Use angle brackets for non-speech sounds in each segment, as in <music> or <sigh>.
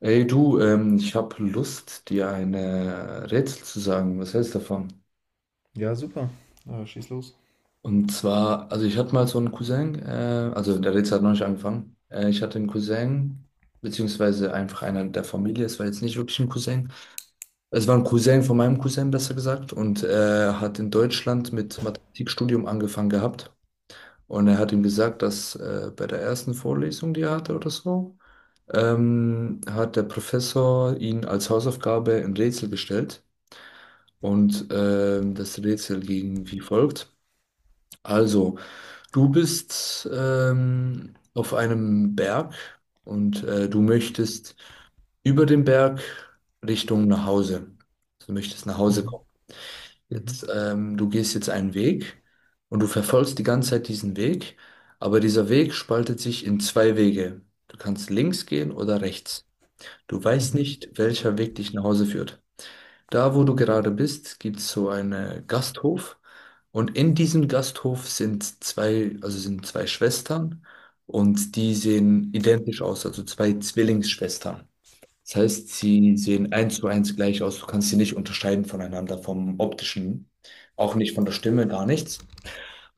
Ey du, ich habe Lust, dir ein Rätsel zu sagen. Was hältst du davon? Ja, super. Aber schieß los. Und zwar, also ich hatte mal so einen Cousin, also der Rätsel hat noch nicht angefangen. Ich hatte einen Cousin, beziehungsweise einfach einer der Familie, es war jetzt nicht wirklich ein Cousin. Es war ein Cousin von meinem Cousin, besser gesagt, und hat in Deutschland mit Mathematikstudium angefangen gehabt. Und er hat ihm gesagt, dass bei der ersten Vorlesung, die er hatte oder so, hat der Professor ihn als Hausaufgabe ein Rätsel gestellt. Und das Rätsel ging wie folgt. Also, du bist auf einem Berg und du möchtest über den Berg Richtung nach Hause. Du möchtest nach Hause Mhm, kommen. mhm, Jetzt, du gehst jetzt einen Weg und du verfolgst die ganze Zeit diesen Weg, aber dieser Weg spaltet sich in zwei Wege. Du kannst links gehen oder rechts. Du weißt mhm. nicht, welcher Weg dich nach Hause führt. Da, wo du gerade bist, gibt es so einen Gasthof und in diesem Gasthof sind zwei, also sind zwei Schwestern und die sehen identisch aus, also zwei Zwillingsschwestern. Das heißt, sie sehen eins zu eins gleich aus. Du kannst sie nicht unterscheiden voneinander vom optischen, auch nicht von der Stimme, gar nichts.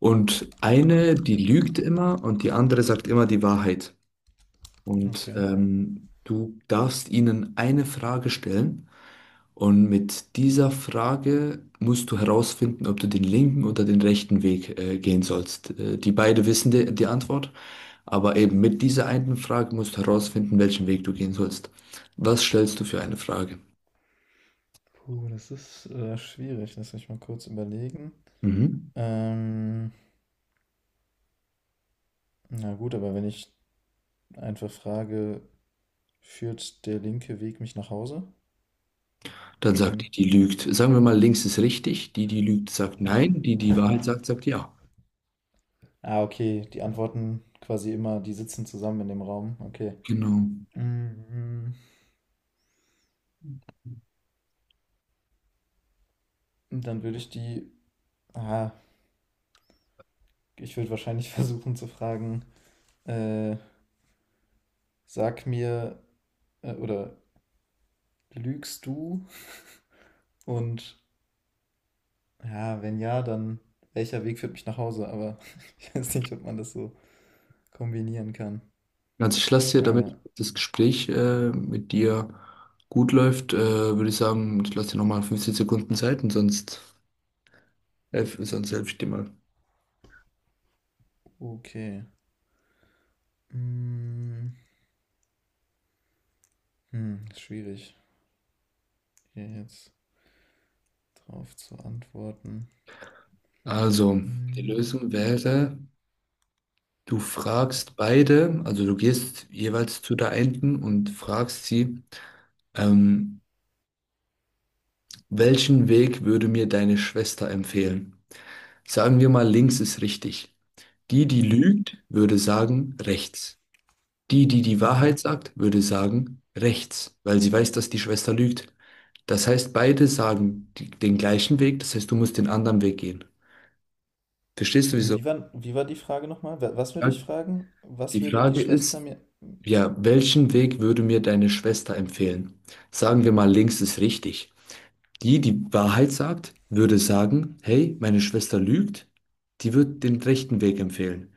Und eine, die lügt immer und die andere sagt immer die Wahrheit. Und Okay. Du darfst ihnen eine Frage stellen. Und mit dieser Frage musst du herausfinden, ob du den linken oder den rechten Weg gehen sollst. Die beide wissen die Antwort, aber eben mit dieser einen Frage musst du herausfinden, welchen Weg du gehen sollst. Was stellst du für eine Frage? Puh, das ist schwierig. Lass mich mal kurz überlegen. Mhm. Ähm, na gut, aber wenn ich einfach frage, führt der linke Weg mich nach Hause? Dann sagt die, Dann. die lügt. Sagen wir mal, links ist richtig. Die, die lügt, sagt nein. Die, die Wahrheit sagt, sagt ja. Ah, okay. Die antworten quasi immer, die sitzen zusammen in dem Raum. Okay. Genau. Mhm. Dann würde ich die. Ah, ich würde wahrscheinlich <laughs> versuchen zu fragen, äh, sag mir oder lügst du und ja, wenn ja, dann welcher Weg führt mich nach Hause? Aber <laughs> ich weiß nicht, ob man das so kombinieren kann. Also ich lasse dir, Äh, damit das Gespräch mit dir gut läuft, würde ich sagen, ich lasse dir nochmal 15 Sekunden Zeit und sonst. F ist ein Selbststimme. okay. Mm, ist schwierig, hier jetzt drauf zu antworten. Also, die Mm, Lösung wäre, du fragst beide, also du gehst jeweils zu der einen und fragst sie, ähm, welchen Weg würde mir deine Schwester empfehlen? Sagen wir mal, links ist richtig. Die, die Mhm, lügt, würde sagen, rechts. Die, die die mhm. Wahrheit sagt, würde sagen, rechts, weil sie weiß, dass die Schwester lügt. Das heißt, beide sagen den gleichen Weg, das heißt, du musst den anderen Weg gehen. Verstehst du, Und wieso? wie war die Frage nochmal? Was würde Ja, ich fragen? Was die würde die Frage Schwester ist, mir... ja, welchen Weg würde mir deine Schwester empfehlen? Sagen wir mal, links ist richtig. Die, die Wahrheit sagt, würde sagen, hey, meine Schwester lügt, die wird den rechten Weg empfehlen.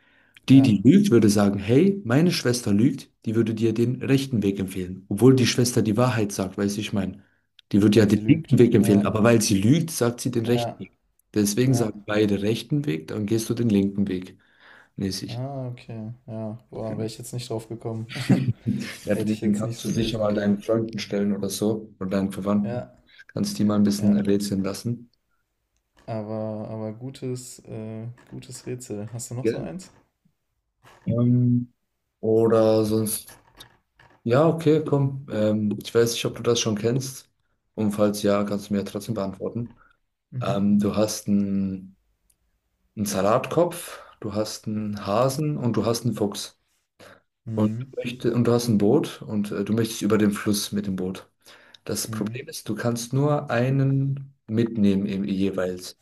Die, Ja, die lügt, würde sagen, hey, meine Schwester lügt, die würde dir den rechten Weg empfehlen. Obwohl die Schwester die Wahrheit sagt, weißt du, ich meine, die würde ja weil den sie linken lügt. Weg empfehlen, Ja, aber weil sie lügt, sagt sie den rechten ja, Weg. Deswegen ja. sagen beide rechten Weg, dann gehst du den linken Weg mäßig. Ah, okay. Ja, boah, wäre ich jetzt nicht drauf gekommen. <laughs> <laughs> Ja, Hätte den ich den jetzt nicht kannst du so sicher lösen mal können. deinen Freunden stellen oder so, oder deinen Verwandten. Ja, Kannst die mal ein bisschen ja. rätseln lassen. Aber gutes, gutes Rätsel. Hast du noch so Gell? eins? Ähm, oder sonst. Ja, okay, komm. Ich weiß nicht, ob du das schon kennst. Und falls ja, kannst du mir ja trotzdem beantworten. Mhm. Du hast einen Salatkopf, du hast einen Hasen und du hast einen Fuchs. Und, du Mhm. möchte, und du hast ein Boot und du möchtest über den Fluss mit dem Boot. Das Mhm. Problem ist, du kannst nur einen mitnehmen jeweils.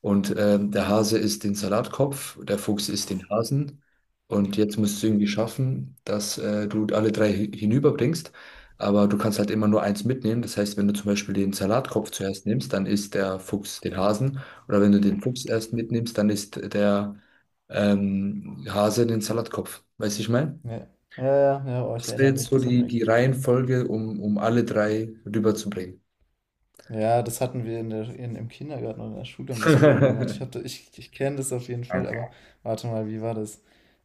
Und der Hase isst den Salatkopf, der Fuchs isst den Hasen. Und jetzt musst du irgendwie schaffen, dass du alle drei hinüberbringst. Aber du kannst halt immer nur eins mitnehmen. Das heißt, wenn du zum Beispiel den Salatkopf zuerst nimmst, dann isst der Fuchs den Hasen. Oder wenn du den Fuchs erst mitnimmst, dann isst der Hase den Salatkopf. Weißt du, ich meine? Ja. Ja, ja, ja, oh, ich Das wäre erinnere jetzt mich, so das hatten die, wir. die Reihenfolge, um alle drei rüberzubringen. Ja, das hatten wir in im Kindergarten oder in der Schule, haben wir es früher mal gemacht. <laughs> Ich kenne das auf jeden Fall, aber Okay. warte mal, wie war das?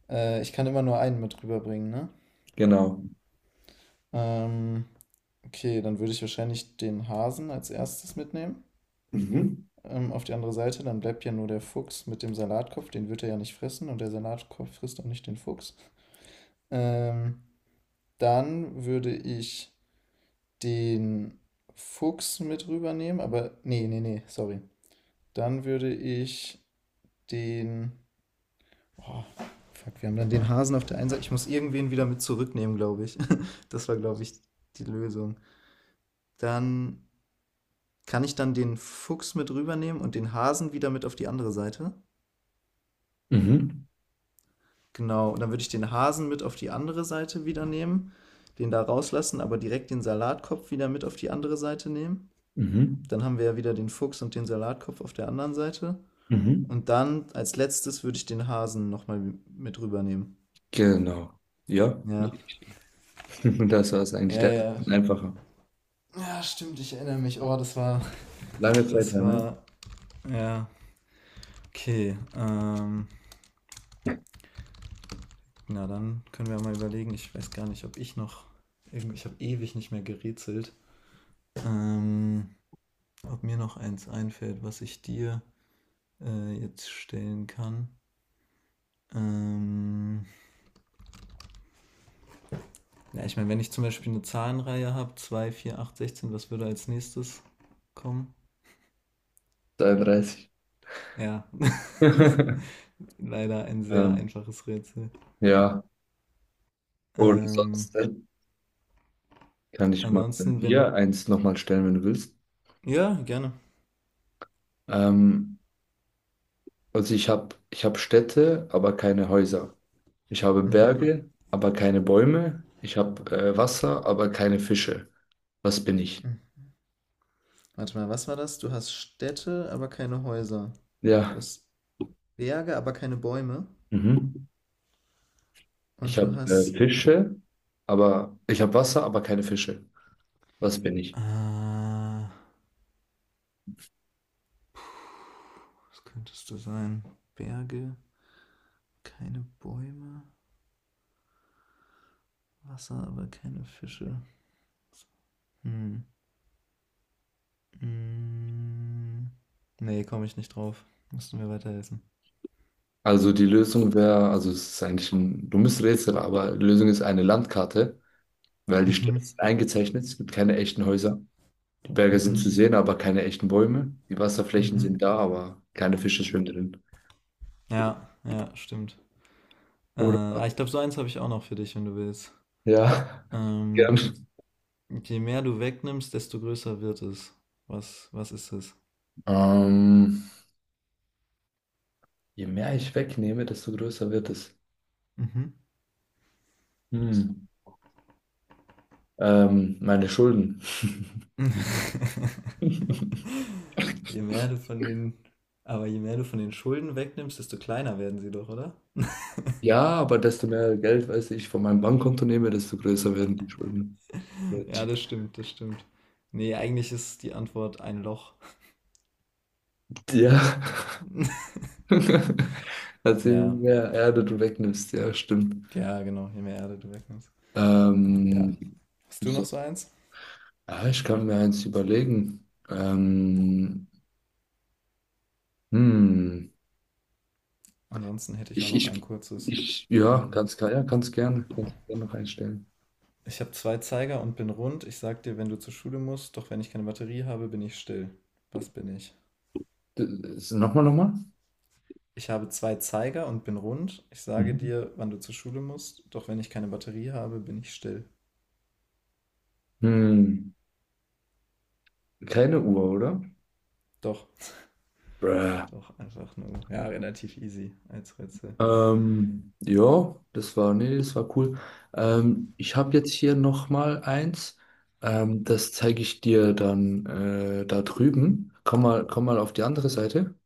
Ich kann immer nur einen mit rüberbringen, ne? Genau. Ähm, okay, dann würde ich wahrscheinlich den Hasen als erstes mitnehmen. Mhm. Auf die andere Seite, dann bleibt ja nur der Fuchs mit dem Salatkopf, den wird er ja nicht fressen und der Salatkopf frisst auch nicht den Fuchs. Ähm, Dann würde ich den Fuchs mit rübernehmen, aber nee, nee, nee, sorry. Dann würde ich den. Oh, fuck, wir haben dann den Hasen auf der einen Seite. Ich muss irgendwen wieder mit zurücknehmen, glaube ich. <laughs> Das war, glaube ich, die Lösung. Dann kann ich dann den Fuchs mit rübernehmen und den Hasen wieder mit auf die andere Seite. Mhm. Genau, und dann würde ich den Hasen mit auf die andere Seite wieder nehmen, den da rauslassen, aber direkt den Salatkopf wieder mit auf die andere Seite nehmen. Mhm. Dann haben wir ja wieder den Fuchs und den Salatkopf auf der anderen Seite. Mhm. Und dann als letztes würde ich den Hasen nochmal mit rübernehmen. Genau. Ja, Ja. <laughs> das war es eigentlich. Ja, Der ist ja. einfacher. Ja, stimmt, ich erinnere mich. Oh, das war. Lange Zeit Das her, ne? war. Ja. Okay. Na, dann können wir mal überlegen. Ich habe ewig nicht mehr gerätselt. Ähm, Ob mir noch eins einfällt, was ich dir jetzt stellen kann. Ähm, Ja, ich meine, wenn ich zum Beispiel eine Zahlenreihe habe, zwei vier acht 16, was würde als nächstes kommen? 33. Ja, <laughs> das ist <laughs> leider ein sehr Ähm, einfaches Rätsel. ja, oder Ähm, sonst kann ich mal Ansonsten, wenn. hier eins nochmal stellen, wenn du willst. Ja, gerne. Ähm, also ich habe ich hab Städte, aber keine Häuser. Ich habe Mhm. Berge, aber keine Bäume. Ich habe Wasser, aber keine Fische. Was bin ich? Mhm. Warte mal, was war das? Du hast Städte, aber keine Häuser. Du Ja. hast Berge, aber keine Bäume. Mhm. Ich Und du habe äh, hast. Fische, ich habe Wasser, aber keine Fische. Was bin ich? Ah, was könntest du sein? Berge, keine Bäume, Wasser, aber keine Fische. Hm. Mm, Nee, komme ich nicht drauf. Musst du mir weiterhelfen. Also die Lösung wäre, also es ist eigentlich ein dummes Rätsel, aber die Lösung ist eine Landkarte, weil die Städte Mhm, sind eingezeichnet, es gibt keine echten Häuser. Die Berge sind zu mhm, sehen, aber keine echten Bäume. Die Wasserflächen mhm. sind da, aber keine Fische schwimmen drin. Ja, ja, stimmt. Oder? Ah, ich glaube, so eins habe ich auch noch für dich, wenn du willst. Ja, <laughs> Ähm, gern. Je mehr du wegnimmst, desto größer wird es. Was ist es? Ähm, Je mehr ich wegnehme, desto größer wird es. Mhm. Hm. Meine Schulden. <laughs> Je mehr du von den, aber je mehr du von den Schulden wegnimmst, desto kleiner werden sie doch, oder? Ja, aber desto mehr Geld, weiß ich, von meinem Bankkonto nehme, desto größer werden die Schulden. <laughs> Ja, das stimmt, das stimmt. Nee, eigentlich ist die Antwort ein Loch. Ja. <laughs> Also je Ja, mehr Erde du wegnimmst, ja, stimmt. ja, genau, je mehr Erde du wegnimmst. Ja. Ähm, Hast du noch so, so eins? ja, ich kann mir eins überlegen. Hm, Ansonsten hätte ich auch ich, noch ein ich, kurzes, ich, wenn ja, du ganz willst. klar, ja, ganz gerne noch einstellen. Ich habe zwei Zeiger und bin rund. Ich sag dir, wenn du zur Schule musst, doch wenn ich keine Batterie habe, bin ich still. Was bin ich? D- Nochmal, nochmal? Ich habe zwei Zeiger und bin rund. Ich sage Mhm. dir, wann du zur Schule musst, doch wenn ich keine Batterie habe, bin ich still. Hm, Keine Uhr, oder? Doch, Bruh. doch, einfach nur, ja, relativ easy als Rätsel. Ja, das war, nee, das war cool. Ich habe jetzt hier nochmal eins. Das zeige ich dir dann da drüben. Komm mal auf die andere Seite.